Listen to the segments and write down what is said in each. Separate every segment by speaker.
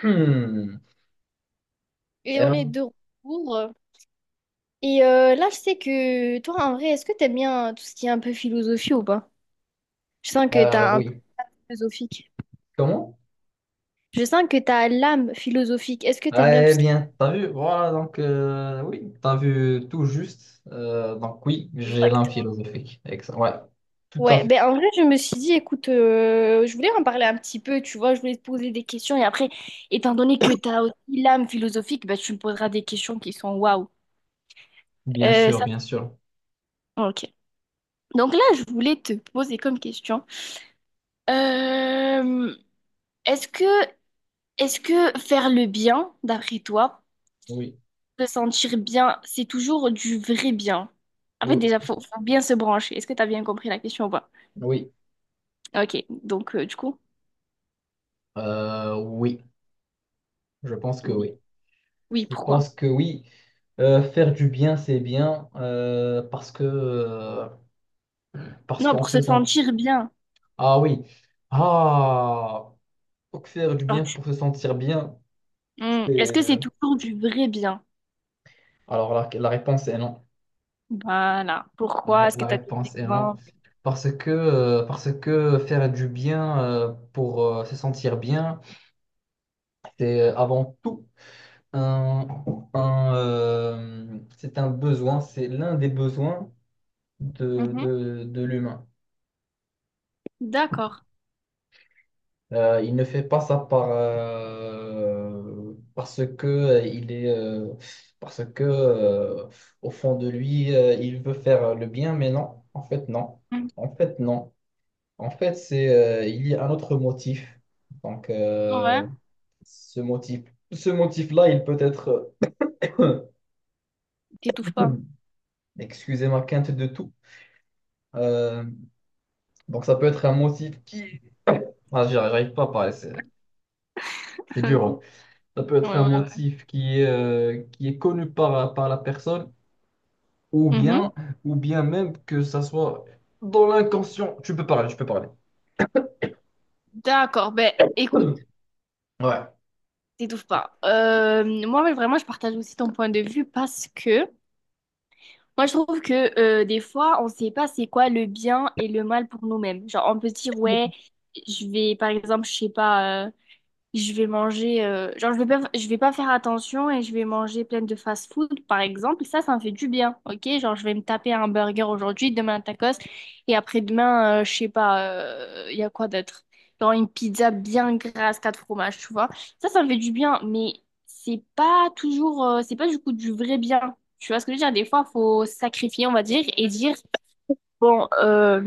Speaker 1: Hmm.
Speaker 2: Et on est
Speaker 1: Euh,
Speaker 2: de retour. Et là, je sais que toi, en vrai, est-ce que t'aimes bien tout ce qui est un peu philosophie ou pas? Je sens que t'as un peu
Speaker 1: oui.
Speaker 2: philosophique.
Speaker 1: Comment?
Speaker 2: Je sens que t'as l'âme philosophique. Est-ce que
Speaker 1: Ah,
Speaker 2: t'aimes bien tout
Speaker 1: eh
Speaker 2: ce qui
Speaker 1: bien, t'as vu, voilà, donc oui, t'as vu tout juste. Donc oui,
Speaker 2: est...
Speaker 1: j'ai l'âme
Speaker 2: Exactement.
Speaker 1: philosophique. Excellent. Ouais, tout à
Speaker 2: Ouais,
Speaker 1: fait.
Speaker 2: ben en vrai, je me suis dit, écoute, je voulais en parler un petit peu, tu vois, je voulais te poser des questions. Et après, étant donné que t'as aussi l'âme philosophique, ben, tu me poseras des questions qui sont waouh.
Speaker 1: Bien sûr,
Speaker 2: Ça...
Speaker 1: bien sûr.
Speaker 2: Ok. Donc là, je voulais te poser comme question. Euh, est-ce que Est-ce que faire le bien, d'après toi,
Speaker 1: Oui,
Speaker 2: se sentir bien, c'est toujours du vrai bien? En fait,
Speaker 1: oui,
Speaker 2: déjà, faut bien se brancher. Est-ce que tu as bien compris la question ou pas?
Speaker 1: oui.
Speaker 2: Ok, donc du coup,
Speaker 1: Oui, je pense que
Speaker 2: oui,
Speaker 1: oui.
Speaker 2: oui,
Speaker 1: Je
Speaker 2: pourquoi?
Speaker 1: pense que oui. Faire du bien, c'est bien parce que parce
Speaker 2: Non,
Speaker 1: qu'en
Speaker 2: pour se
Speaker 1: faisant
Speaker 2: sentir bien.
Speaker 1: ah oui, ah, donc faire du
Speaker 2: Genre,
Speaker 1: bien
Speaker 2: tu-
Speaker 1: pour se sentir bien.
Speaker 2: Hmm, est-ce
Speaker 1: C'est
Speaker 2: que c'est toujours du vrai bien?
Speaker 1: Alors la réponse est non.
Speaker 2: Voilà. Pourquoi? Est-ce que
Speaker 1: La
Speaker 2: tu as des
Speaker 1: réponse est non.
Speaker 2: exemples?
Speaker 1: Parce que faire du bien pour se sentir bien, c'est avant tout un, un, c'est un besoin, c'est l'un des besoins
Speaker 2: Mhm.
Speaker 1: de l'humain.
Speaker 2: D'accord.
Speaker 1: Il ne fait pas ça par, parce que il est, parce que au fond de lui, il veut faire le bien, mais non, en fait non.
Speaker 2: Mhm.
Speaker 1: En fait, non. En fait, il y a un autre motif. Donc,
Speaker 2: Ouais.
Speaker 1: euh, ce motif, ce motif-là, il peut être,
Speaker 2: T'étouffes pas.
Speaker 1: excusez ma quinte de tout. Euh, donc, ça peut être un motif qui, ah, j'arrive pas à parler, c'est dur,
Speaker 2: Ok.
Speaker 1: hein. Ça peut être
Speaker 2: Ouais,
Speaker 1: un
Speaker 2: ouais,
Speaker 1: motif qui est connu par la personne, ou
Speaker 2: ouais. Mhm.
Speaker 1: bien, ou bien même que ça soit dans l'inconscient. Tu peux parler, tu peux parler.
Speaker 2: D'accord. Ben, écoute.
Speaker 1: Ouais.
Speaker 2: T'étouffes pas. Moi, ouais, vraiment, je partage aussi ton point de vue parce que moi, je trouve que des fois, on sait pas c'est quoi le bien et le mal pour nous-mêmes. Genre, on peut se dire, ouais, je vais, par exemple, je sais pas, je vais manger, genre je vais pas faire attention et je vais manger plein de fast-food par exemple. Ça me fait du bien, ok? Genre je vais me taper un burger aujourd'hui, demain un tacos et après-demain, je sais pas, il y a quoi d'autre? Genre une pizza bien grasse, quatre fromages, tu vois? Ça me fait du bien, mais c'est pas du coup du vrai bien. Tu vois ce que je veux dire? Des fois, faut sacrifier, on va dire, et dire bon, euh,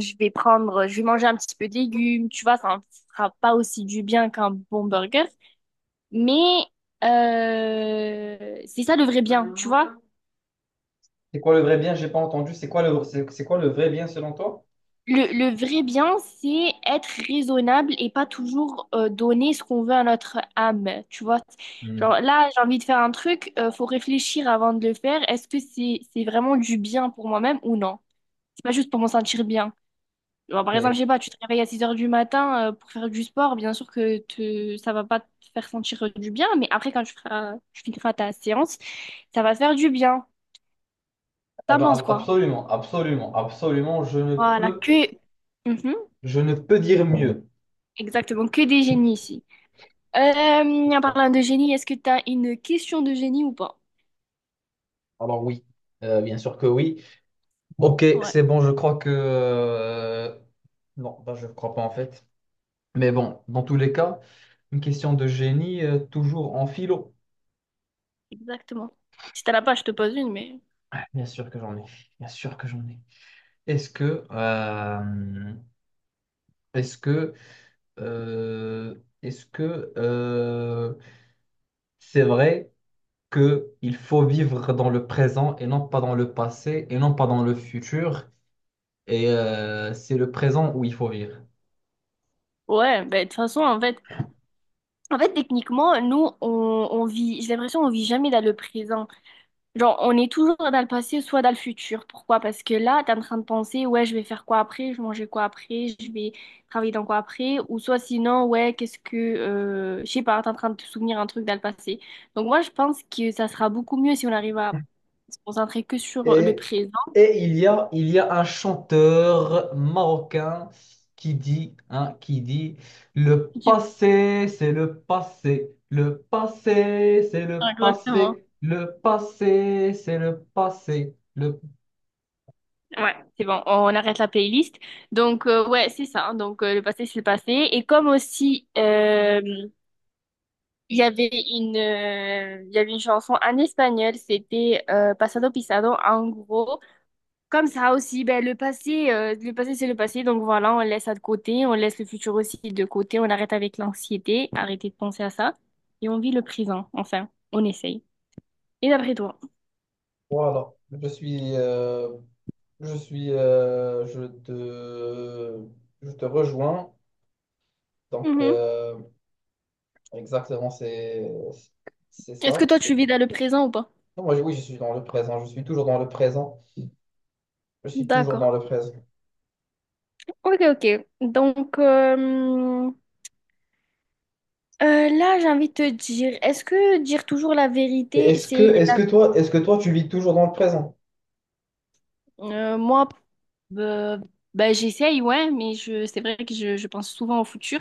Speaker 2: je vais prendre, je vais manger un petit peu de légumes, tu vois, ça ne fera pas aussi du bien qu'un bon burger. Mais c'est ça le vrai bien, tu vois.
Speaker 1: C'est quoi le vrai bien? J'ai pas entendu. C'est quoi le vrai bien selon toi?
Speaker 2: Le vrai bien, c'est être raisonnable et pas toujours donner ce qu'on veut à notre âme, tu vois.
Speaker 1: Hmm.
Speaker 2: Genre là, j'ai envie de faire un truc, faut réfléchir avant de le faire. Est-ce que c'est vraiment du bien pour moi-même ou non? C'est pas juste pour m'en sentir bien. Bon, par exemple, je
Speaker 1: C'est-
Speaker 2: sais pas, tu te réveilles à 6 heures du matin pour faire du sport, bien sûr que ça va pas te faire sentir du bien, mais après, quand tu finiras ta séance, ça va te faire du bien.
Speaker 1: Ah
Speaker 2: T'en
Speaker 1: ben,
Speaker 2: penses quoi?
Speaker 1: absolument, absolument, absolument,
Speaker 2: Voilà, que... Mhm,
Speaker 1: je ne peux dire mieux.
Speaker 2: exactement, que des génies ici. Euh,
Speaker 1: C'est
Speaker 2: en
Speaker 1: ça.
Speaker 2: parlant de génie, est-ce que t'as une question de génie ou pas?
Speaker 1: Alors oui, bien sûr que oui. Ok,
Speaker 2: Ouais,
Speaker 1: c'est bon, Non, bah, je ne crois pas en fait. Mais bon, dans tous les cas, une question de génie, toujours en philo.
Speaker 2: exactement. Si t'en as pas, je te pose une, mais...
Speaker 1: Ah, bien sûr que j'en ai, bien sûr que j'en ai. Est-ce que... Est-ce que... euh, Est-ce que... C'est vrai que il faut vivre dans le présent et non pas dans le passé et non pas dans le futur. C'est le présent où il faut vivre.
Speaker 2: Ouais, ben, de toute façon, en fait... En fait, techniquement, on vit... J'ai l'impression qu'on vit jamais dans le présent. Genre, on est toujours dans le passé, soit dans le futur. Pourquoi? Parce que là, t'es en train de penser, ouais, je vais faire quoi après, je vais manger quoi après, je vais travailler dans quoi après, ou soit sinon, ouais, qu'est-ce que, je sais pas, t'es en train de te souvenir un truc dans le passé. Donc moi, je pense que ça sera beaucoup mieux si on arrive à se concentrer que sur le
Speaker 1: Et,
Speaker 2: présent.
Speaker 1: et il y a un chanteur marocain qui dit, hein, qui dit, le
Speaker 2: Du coup,
Speaker 1: passé, c'est le passé, c'est
Speaker 2: exactement.
Speaker 1: le passé, c'est le passé, le…
Speaker 2: Ouais, c'est bon, on arrête la playlist. Donc ouais, c'est ça. Donc le passé, c'est le passé. Et comme aussi, il y avait une chanson en espagnol, c'était Pasado Pisado. En gros, comme ça aussi, ben, le passé c'est le passé, donc voilà, on laisse ça de côté, on laisse le futur aussi de côté, on arrête avec l'anxiété, arrêtez de penser à ça, et on vit le présent, enfin, on essaye. Et d'après toi?
Speaker 1: Voilà, je suis, euh, je suis, euh, je te, je te rejoins. Donc,
Speaker 2: Mhm.
Speaker 1: euh, Exactement, c'est
Speaker 2: Est-ce que
Speaker 1: ça.
Speaker 2: toi tu vis dans le présent ou pas?
Speaker 1: Non, oui, je suis dans le présent. Je suis toujours dans le présent. Je suis toujours dans
Speaker 2: D'accord.
Speaker 1: le présent.
Speaker 2: Ok, ok. Donc, là, j'ai envie de te dire, est-ce que dire toujours la vérité, c'est
Speaker 1: Est-ce que toi, tu vis toujours dans le présent?
Speaker 2: Moi, euh, bah, j'essaye, ouais, mais c'est vrai que je pense souvent au futur.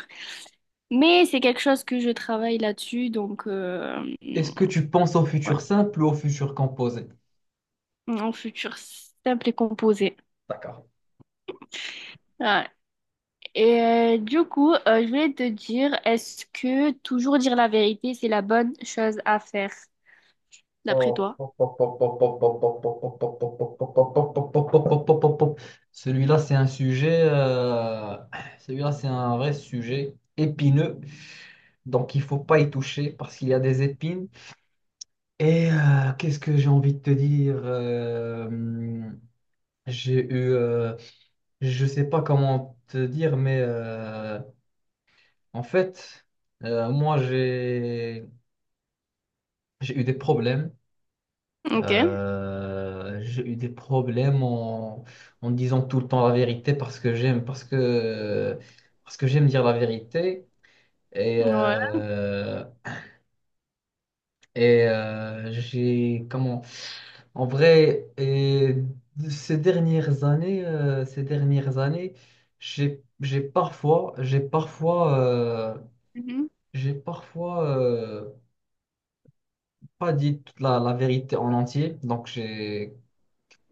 Speaker 2: Mais c'est quelque chose que je travaille là-dessus, donc
Speaker 1: Est-ce que tu penses au
Speaker 2: ouais,
Speaker 1: futur simple ou au futur composé?
Speaker 2: un futur simple et composé.
Speaker 1: D'accord.
Speaker 2: Ouais. Et du coup, je voulais te dire, est-ce que toujours dire la vérité, c'est la bonne chose à faire, d'après toi?
Speaker 1: Celui-là, c'est un sujet. euh, Celui-là, c'est un vrai sujet épineux. Donc, il faut pas y toucher parce qu'il y a des épines. Et qu'est-ce que j'ai envie de te dire? J'ai eu. Je sais pas comment te dire, mais en fait, moi, j'ai eu des problèmes.
Speaker 2: Ok,
Speaker 1: J'ai eu des problèmes en disant tout le temps la vérité parce que j'aime dire la vérité. Et,
Speaker 2: ouais.
Speaker 1: euh, et euh, j'ai, comment, En vrai, et ces dernières années, j'ai parfois, j'ai parfois,
Speaker 2: Mhm.
Speaker 1: j'ai parfois pas dit toute la vérité en entier.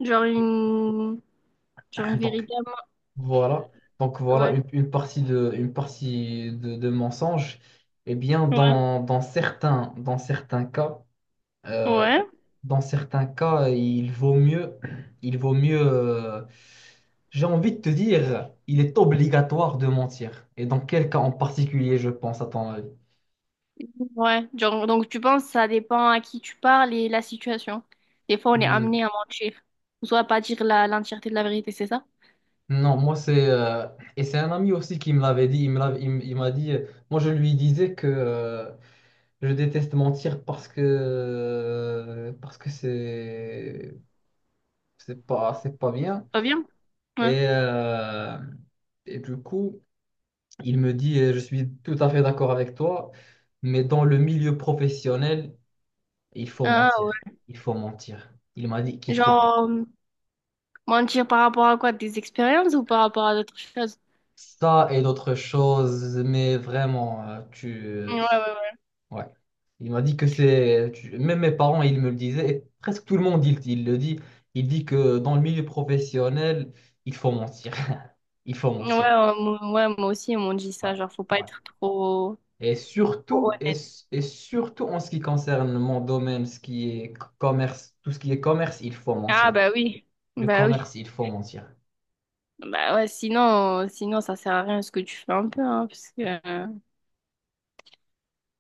Speaker 2: Genre une... Genre une
Speaker 1: donc,
Speaker 2: vérité à moi.
Speaker 1: Voilà. Donc voilà
Speaker 2: Ouais,
Speaker 1: une partie une partie de mensonge. Eh bien,
Speaker 2: ouais,
Speaker 1: euh,
Speaker 2: ouais.
Speaker 1: dans certains cas, il vaut mieux, il vaut mieux, euh, j'ai envie de te dire, il est obligatoire de mentir. Et dans quel cas en particulier, je pense, à ton avis?
Speaker 2: Ouais, genre, donc tu penses que ça dépend à qui tu parles et la situation. Des fois, on est
Speaker 1: Hmm.
Speaker 2: amené à mentir, ou soit à pas dire l'entièreté de la vérité, c'est ça?
Speaker 1: Non, moi c'est et c'est un ami aussi qui me l'avait dit. Il me l'avait- il m- Il m'a dit. Moi je lui disais que je déteste mentir parce que c'est pas bien.
Speaker 2: Pas bien? Ouais.
Speaker 1: Et euh, et du coup il me dit, je suis tout à fait d'accord avec toi, mais dans le milieu professionnel il faut
Speaker 2: Ah,
Speaker 1: mentir, il faut mentir, il m'a dit
Speaker 2: ouais.
Speaker 1: qu'il faut mentir.
Speaker 2: Genre, mentir par rapport à quoi? Des expériences ou par rapport à d'autres choses?
Speaker 1: Ça et d'autres choses, mais vraiment tu
Speaker 2: Ouais, ouais, ouais.
Speaker 1: ouais. Il m'a dit que même mes parents, ils me le disaient, et presque tout le monde, il le dit, il dit que dans le milieu professionnel, il faut mentir. Il faut
Speaker 2: Ouais,
Speaker 1: mentir.
Speaker 2: moi ouais, moi aussi, ils m'ont dit ça,
Speaker 1: Ouais,
Speaker 2: genre, faut pas
Speaker 1: ouais.
Speaker 2: être trop,
Speaker 1: Et
Speaker 2: trop
Speaker 1: surtout,
Speaker 2: honnête.
Speaker 1: et surtout en ce qui concerne mon domaine, ce qui est commerce, tout ce qui est commerce, il faut
Speaker 2: Ah,
Speaker 1: mentir.
Speaker 2: bah oui,
Speaker 1: Le
Speaker 2: bah oui.
Speaker 1: commerce, il faut mentir.
Speaker 2: Bah ouais, sinon, sinon, ça sert à rien ce que tu fais un peu, hein, parce que... euh,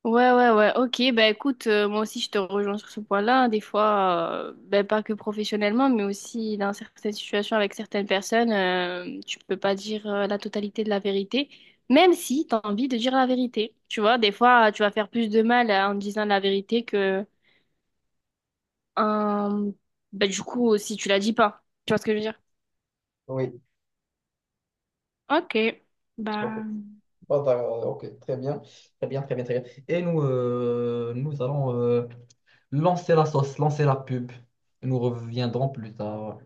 Speaker 2: ouais, ouais, ouais. Ok, bah écoute, moi aussi je te rejoins sur ce point-là, hein. Des fois, ben, pas que professionnellement, mais aussi dans certaines situations avec certaines personnes, tu peux pas dire la totalité de la vérité, même si tu as envie de dire la vérité. Tu vois, des fois, tu vas faire plus de mal en disant la vérité que en- ben, du coup, si tu la dis pas. Tu vois ce que je veux dire?
Speaker 1: Oui,
Speaker 2: Ok,
Speaker 1: ok.
Speaker 2: bah.
Speaker 1: Ok, très bien. Très bien, très bien, très bien. Et nous, nous allons lancer la sauce, lancer la pub. Nous reviendrons plus tard.